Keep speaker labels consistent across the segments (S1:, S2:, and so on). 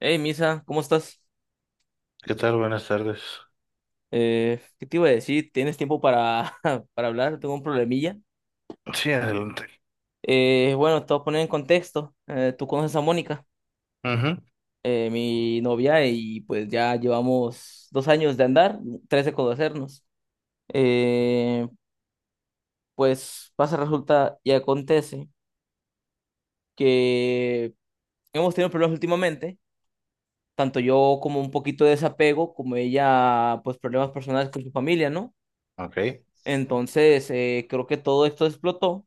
S1: Hey, Misa, ¿cómo estás?
S2: ¿Qué tal? Buenas tardes.
S1: ¿Qué te iba a decir? ¿Tienes tiempo para, para hablar? Tengo un problemilla.
S2: Sí, adelante.
S1: Bueno, te voy a poner en contexto. Tú conoces a Mónica,
S2: Ujú.
S1: mi novia, y pues ya llevamos 2 años de andar, tres de conocernos. Eh, pues pasa, resulta y acontece que hemos tenido problemas últimamente, tanto yo como un poquito de desapego, como ella, pues problemas personales con su familia, ¿no?
S2: Ok.
S1: Entonces, creo que todo esto explotó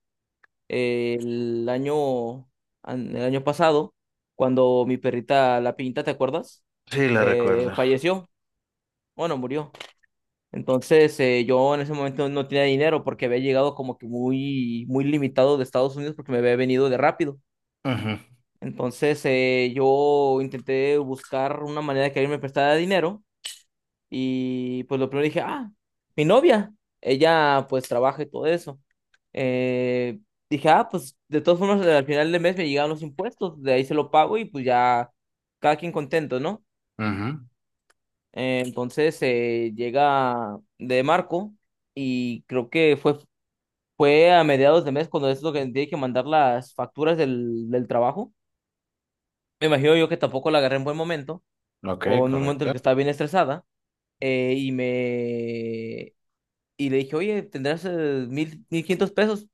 S1: eh, el año, el año pasado, cuando mi perrita La Pinta, ¿te acuerdas?
S2: Sí, la recuerdo.
S1: Falleció, bueno, murió. Entonces, yo en ese momento no tenía dinero porque había llegado como que muy, muy limitado de Estados Unidos porque me había venido de rápido.
S2: Ujú.
S1: Entonces, yo intenté buscar una manera de que alguien me prestara dinero y pues lo primero dije, ah, mi novia, ella pues trabaja y todo eso. Eh, Dije, ah, pues de todas formas al final del mes me llegaban los impuestos, de ahí se lo pago y pues ya cada quien contento, ¿no?
S2: Ujú.
S1: Entonces, llega de Marco y creo que fue a mediados de mes cuando es lo que tiene que mandar las facturas del trabajo. Me imagino yo que tampoco la agarré en buen momento
S2: Ok,
S1: o en un momento en el
S2: correcto.
S1: que estaba bien estresada. eh, y me Y le dije, oye, ¿tendrás 1,500 pesos?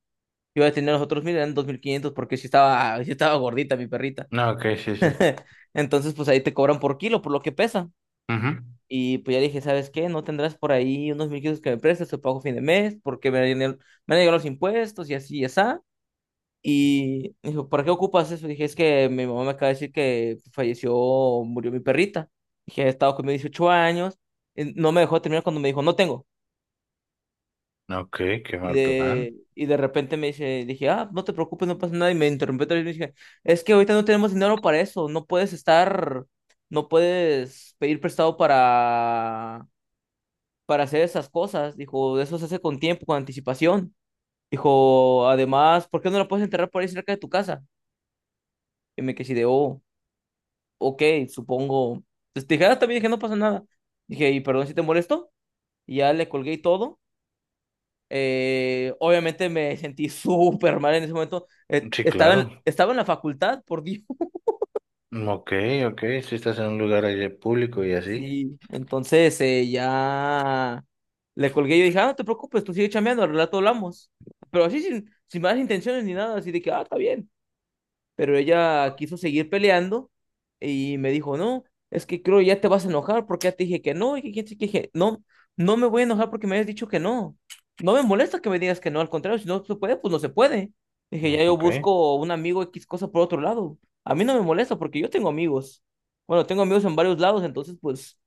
S1: Yo ya tenía los otros 1,000, eran 2,500, porque sí estaba, sí estaba gordita mi perrita.
S2: No, ok, sí, sí.
S1: Entonces, pues ahí te cobran por kilo, por lo que pesa.
S2: Ujú.
S1: Y pues ya dije, ¿sabes qué? ¿No tendrás por ahí unos 1,500 que me prestes? Te pago fin de mes, porque me han llegado los impuestos y así y así. Y me dijo, ¿para qué ocupas eso? Dije, es que mi mamá me acaba de decir que falleció, murió mi perrita. Dije, he estado conmigo 18 años. No me dejó terminar cuando me dijo, no tengo.
S2: Ok, qué
S1: Y
S2: mal plan.
S1: de, y de repente me dice, dije, ah, no te preocupes, no pasa nada. Y me interrumpió otra vez y me dije, es que ahorita no tenemos dinero para eso, no puedes estar, no puedes pedir prestado para hacer esas cosas. Dijo, eso se hace con tiempo, con anticipación. Dijo, además, ¿por qué no la puedes enterrar por ahí cerca de tu casa? Y me quedé así de, oh, ok, supongo. Entonces dije, ah, también dije, no pasa nada. Dije, y perdón si te molesto. Y ya le colgué y todo. Obviamente me sentí súper mal en ese momento.
S2: Sí, claro.
S1: Estaba en la facultad, por Dios.
S2: Ok, ok, si estás en un lugar allí público y así.
S1: Sí, entonces ya le colgué y dije, ah, no te preocupes, tú sigue chambeando, al rato hablamos. Pero así sin malas intenciones ni nada, así de que, ah, está bien. Pero ella quiso seguir peleando y me dijo, no, es que creo ya te vas a enojar porque ya te dije que no, y que quién sabe qué. Dije, no, no me voy a enojar porque me hayas dicho que no. No me molesta que me digas que no, al contrario, si no se puede, pues no se puede. Dije,
S2: Mm,
S1: ya yo
S2: ok.
S1: busco un amigo X cosa por otro lado. A mí no me molesta porque yo tengo amigos. Bueno, tengo amigos en varios lados, entonces pues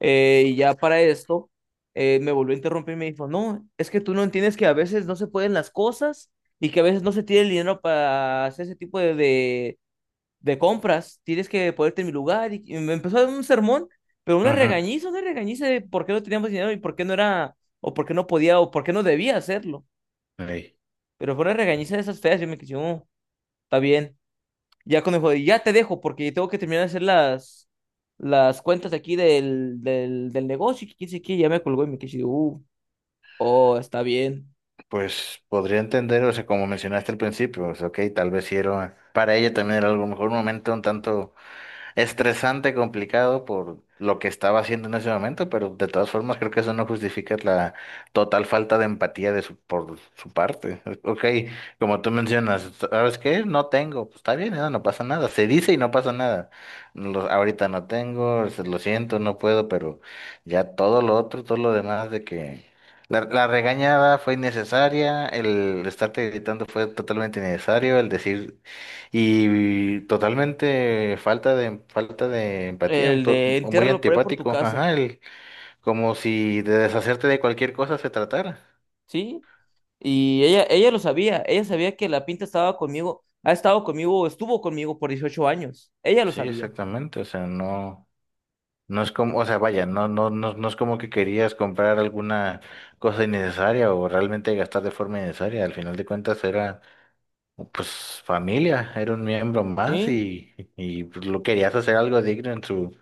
S1: y ya para esto, me volvió a interrumpir y me dijo, no, es que tú no entiendes que a veces no se pueden las cosas y que a veces no se tiene el dinero para hacer ese tipo de compras. Tienes que ponerte en mi lugar. Y me empezó a dar un sermón, pero
S2: Ujú.
S1: una regañiza de por qué no teníamos dinero y por qué no era, o por qué no podía, o por qué no debía hacerlo.
S2: Ey.
S1: Pero fue una regañiza de esas feas. Yo me quedé, oh, está bien. Ya cuando me dijo, ya te dejo porque tengo que terminar de hacer las cuentas aquí del negocio. Y que quién sabe qué, ya me colgó y me quedé así de, oh, está bien.
S2: Pues podría entender, o sea, como mencionaste al principio, o sea, ok, tal vez sí era, para ella también era algo, a lo mejor un momento un tanto estresante, complicado por lo que estaba haciendo en ese momento, pero de todas formas creo que eso no justifica la total falta de empatía de su, por su parte. Ok, como tú mencionas, ¿sabes qué? No tengo, pues está bien, no, no pasa nada, se dice y no pasa nada. Ahorita no tengo, lo siento, no puedo, pero ya todo lo otro, todo lo demás de que... La regañada fue innecesaria, el estarte gritando fue totalmente innecesario, el decir y totalmente falta de empatía, un
S1: El de
S2: muy
S1: entiérralo por ahí por tu
S2: antipático,
S1: casa,
S2: ajá, el, como si de deshacerte de cualquier cosa se tratara.
S1: ¿sí? Y ella lo sabía, ella sabía que la pinta estaba conmigo, ha estado conmigo, estuvo conmigo por 18 años, ella lo
S2: Sí,
S1: sabía,
S2: exactamente, o sea, no no es como, o sea, vaya, no, no es como que querías comprar alguna cosa innecesaria o realmente gastar de forma innecesaria, al final de cuentas era pues familia, era un miembro más
S1: ¿sí?
S2: y pues, lo querías hacer algo digno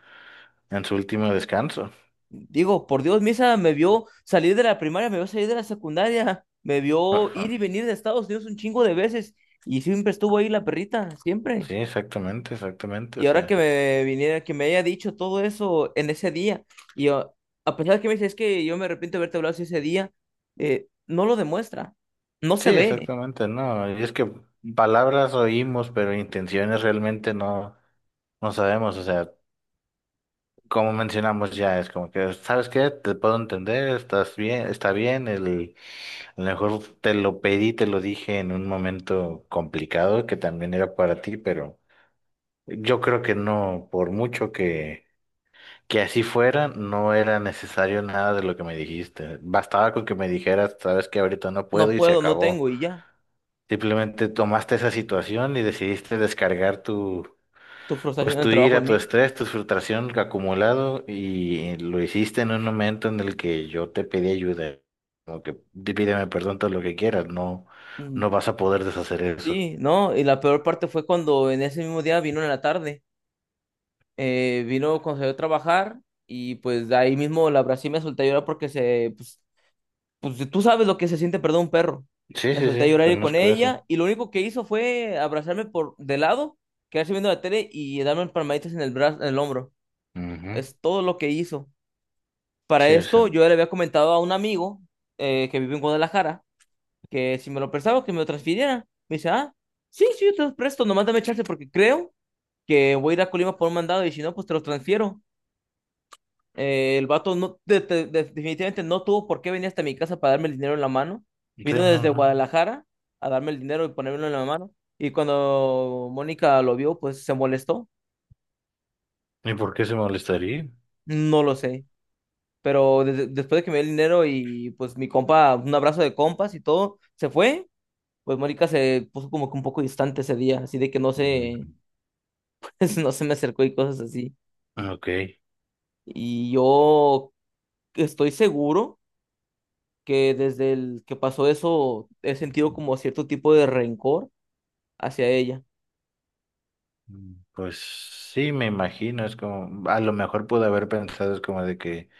S2: en su último descanso.
S1: Digo, por Dios, Misa me vio salir de la primaria, me vio salir de la secundaria, me vio ir y venir de Estados Unidos un chingo de veces y siempre estuvo ahí la perrita, siempre.
S2: Sí, exactamente, exactamente, o
S1: Y ahora que
S2: sea.
S1: me viniera, que me haya dicho todo eso en ese día, y yo, a pesar de que me dice, es que yo me arrepiento de haberte hablado así ese día, no lo demuestra, no se
S2: Sí,
S1: ve,
S2: exactamente, no. Y es que palabras oímos, pero intenciones realmente no, no sabemos. O sea, como mencionamos ya, es como que, ¿sabes qué? Te puedo entender, estás bien, está bien. El, a lo mejor te lo pedí, te lo dije en un momento complicado que también era para ti, pero yo creo que no, por mucho que así fuera, no era necesario nada de lo que me dijiste. Bastaba con que me dijeras, ¿sabes qué? Ahorita no puedo
S1: no
S2: y se
S1: puedo, no
S2: acabó.
S1: tengo, y ya,
S2: Simplemente tomaste esa situación y decidiste descargar tu,
S1: tu frustración
S2: pues
S1: en el
S2: tu
S1: trabajo
S2: ira,
S1: en
S2: tu
S1: mí.
S2: estrés, tu frustración acumulado y lo hiciste en un momento en el que yo te pedí ayuda. Como que Pídeme perdón todo lo que quieras, no,
S1: Mm,
S2: no vas a poder deshacer eso".
S1: sí, no, y la peor parte fue cuando en ese mismo día vino en la tarde, vino cuando salió a trabajar, y pues de ahí mismo la abracé y me solté a llorar porque pues si tú sabes lo que se siente perder un perro.
S2: Sí,
S1: Me
S2: sí,
S1: solté a
S2: sí,
S1: llorar yo con
S2: conozco eso.
S1: ella y lo único que hizo fue abrazarme por de lado, quedarse viendo la tele y darme palmaditas en el brazo, en el hombro.
S2: Ujú.
S1: Es todo lo que hizo. Para
S2: Sí, o sea,
S1: esto yo ya le había comentado a un amigo que vive en Guadalajara que si me lo prestaba que me lo transfiriera. Me dice, ah, sí, sí, yo te los presto, nomás dame chance porque creo que voy a ir a Colima por un mandado y si no, pues te los transfiero. El vato no, definitivamente no tuvo por qué venir hasta mi casa para darme el dinero en la mano.
S2: sí,
S1: Vino
S2: no,
S1: desde
S2: no.
S1: Guadalajara a darme el dinero y ponérmelo en la mano. Y cuando Mónica lo vio, pues se molestó.
S2: ¿Y por qué se molestaría?
S1: No lo sé. Pero después de que me dio el dinero y pues mi compa, un abrazo de compas y todo, se fue. Pues Mónica se puso como que un poco distante ese día, así de que no se,
S2: Ujú.
S1: no se me acercó y cosas así.
S2: Ok.
S1: Y yo estoy seguro que desde el que pasó eso he sentido como cierto tipo de rencor hacia ella,
S2: Mm, pues sí, me imagino, es como, a lo mejor pude haber pensado, es como de que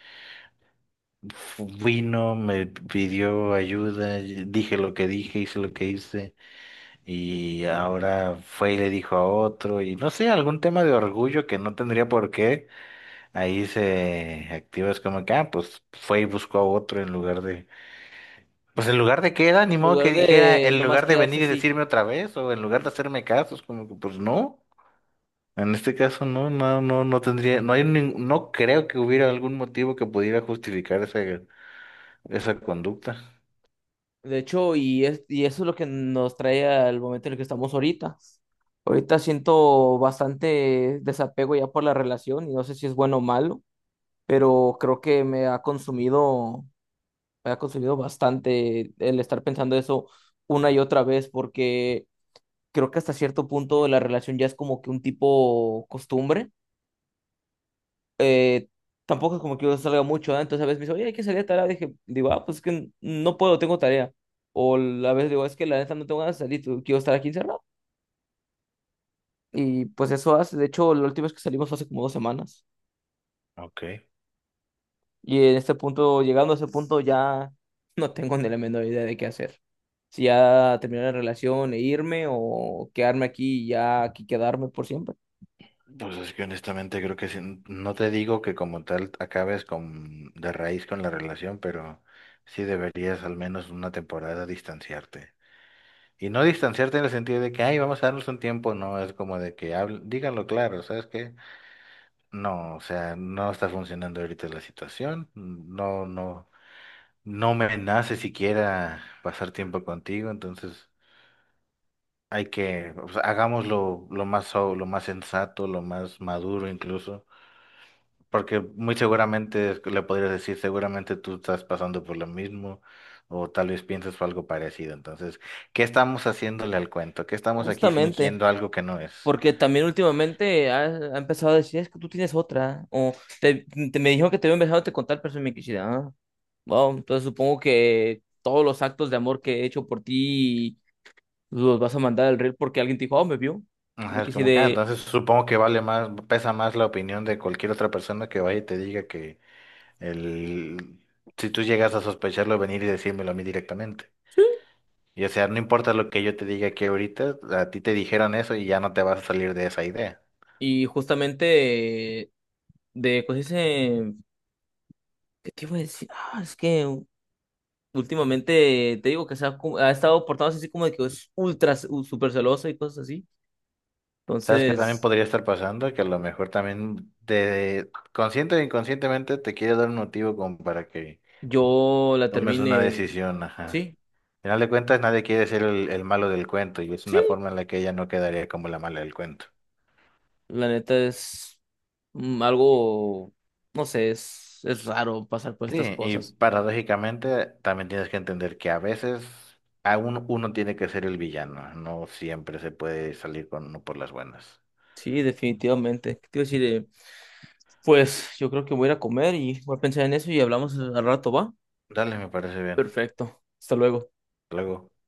S2: vino, me pidió ayuda, y dije lo que dije, hice lo que hice, y ahora fue y le dijo a otro, y no sé, algún tema de orgullo que no tendría por qué, ahí se activa, es como que, ah, pues fue y buscó a otro en lugar de, pues en lugar de que era, ni
S1: en
S2: modo
S1: lugar
S2: que dijera,
S1: de
S2: en
S1: nomás
S2: lugar de
S1: quedarse
S2: venir y
S1: así.
S2: decirme otra vez, o en lugar de hacerme caso, es como que, pues no. En este caso no, no tendría, no hay, no creo que hubiera algún motivo que pudiera justificar esa, esa conducta.
S1: De hecho, y eso es lo que nos trae al momento en el que estamos ahorita. Ahorita siento bastante desapego ya por la relación y no sé si es bueno o malo, pero creo que me ha consumido bastante el estar pensando eso una y otra vez porque creo que hasta cierto punto la relación ya es como que un tipo costumbre. eh, Tampoco es como que yo salga mucho, ¿ah? Entonces a veces me dice, oye, hay que salir a tal. Dije, digo, ah, pues es que no puedo, tengo tarea. O a veces digo, es que la neta no tengo ganas de salir, quiero estar aquí encerrado. Y pues eso hace, de hecho, la última vez que salimos fue hace como 2 semanas.
S2: Ok.
S1: Y en este punto, llegando a ese punto, ya no tengo ni la menor idea de qué hacer. Si ya terminar la relación e irme o quedarme aquí y ya aquí quedarme por siempre.
S2: Pues es que honestamente creo que sí, no te digo que como tal acabes con, de raíz con la relación, pero sí deberías al menos una temporada distanciarte. Y no distanciarte en el sentido de que, ay, vamos a darnos un tiempo, no, es como de que díganlo claro, ¿sabes qué? No, o sea, no está funcionando ahorita la situación, no, no, no me nace siquiera pasar tiempo contigo, entonces hay que, o sea, hagámoslo lo más, lo más sensato, lo más maduro incluso. Porque muy seguramente le podrías decir, seguramente tú estás pasando por lo mismo o tal vez piensas algo parecido. Entonces, ¿qué estamos haciéndole al cuento? ¿Qué estamos aquí
S1: Justamente.
S2: fingiendo algo que no es?
S1: Porque también últimamente ha empezado a decir, es que tú tienes otra. Te, Me dijo que te había empezado a contar, pero se me quisiera. Ah, wow, entonces supongo que todos los actos de amor que he hecho por ti los vas a mandar al reel porque alguien te dijo, oh, me vio.
S2: Ajá,
S1: Me
S2: es
S1: quise
S2: como que, ah,
S1: de...
S2: entonces supongo que vale más, pesa más la opinión de cualquier otra persona que vaya y te diga que el, si tú llegas a sospecharlo, venir y decírmelo a mí directamente.
S1: Sí.
S2: Y o sea, no importa lo que yo te diga aquí ahorita, a ti te dijeron eso y ya no te vas a salir de esa idea.
S1: Y justamente de cosas, ¿qué te iba a decir? Ah, es que últimamente te digo que ha estado portándose así como de que es super celosa y cosas así.
S2: ¿Sabes qué también
S1: Entonces...
S2: podría estar pasando? Que a lo mejor también te, consciente o inconscientemente te quiere dar un motivo como para que
S1: Yo la
S2: tomes una
S1: terminé,
S2: decisión, ajá.
S1: sí,
S2: Al final de cuentas, nadie quiere ser el malo del cuento y es
S1: sí,
S2: una forma en la que ella no quedaría como la mala del cuento.
S1: la neta es mm, algo, no sé, es raro pasar por estas
S2: Sí, y
S1: cosas.
S2: paradójicamente también tienes que entender que a veces aún uno tiene que ser el villano, no siempre se puede salir con uno por las buenas.
S1: Sí, definitivamente. ¿Qué te iba a decir? Pues yo creo que voy a ir a comer y voy a pensar en eso y hablamos al rato, ¿va?
S2: Dale, me parece bien.
S1: Perfecto. Hasta luego.
S2: Hasta luego.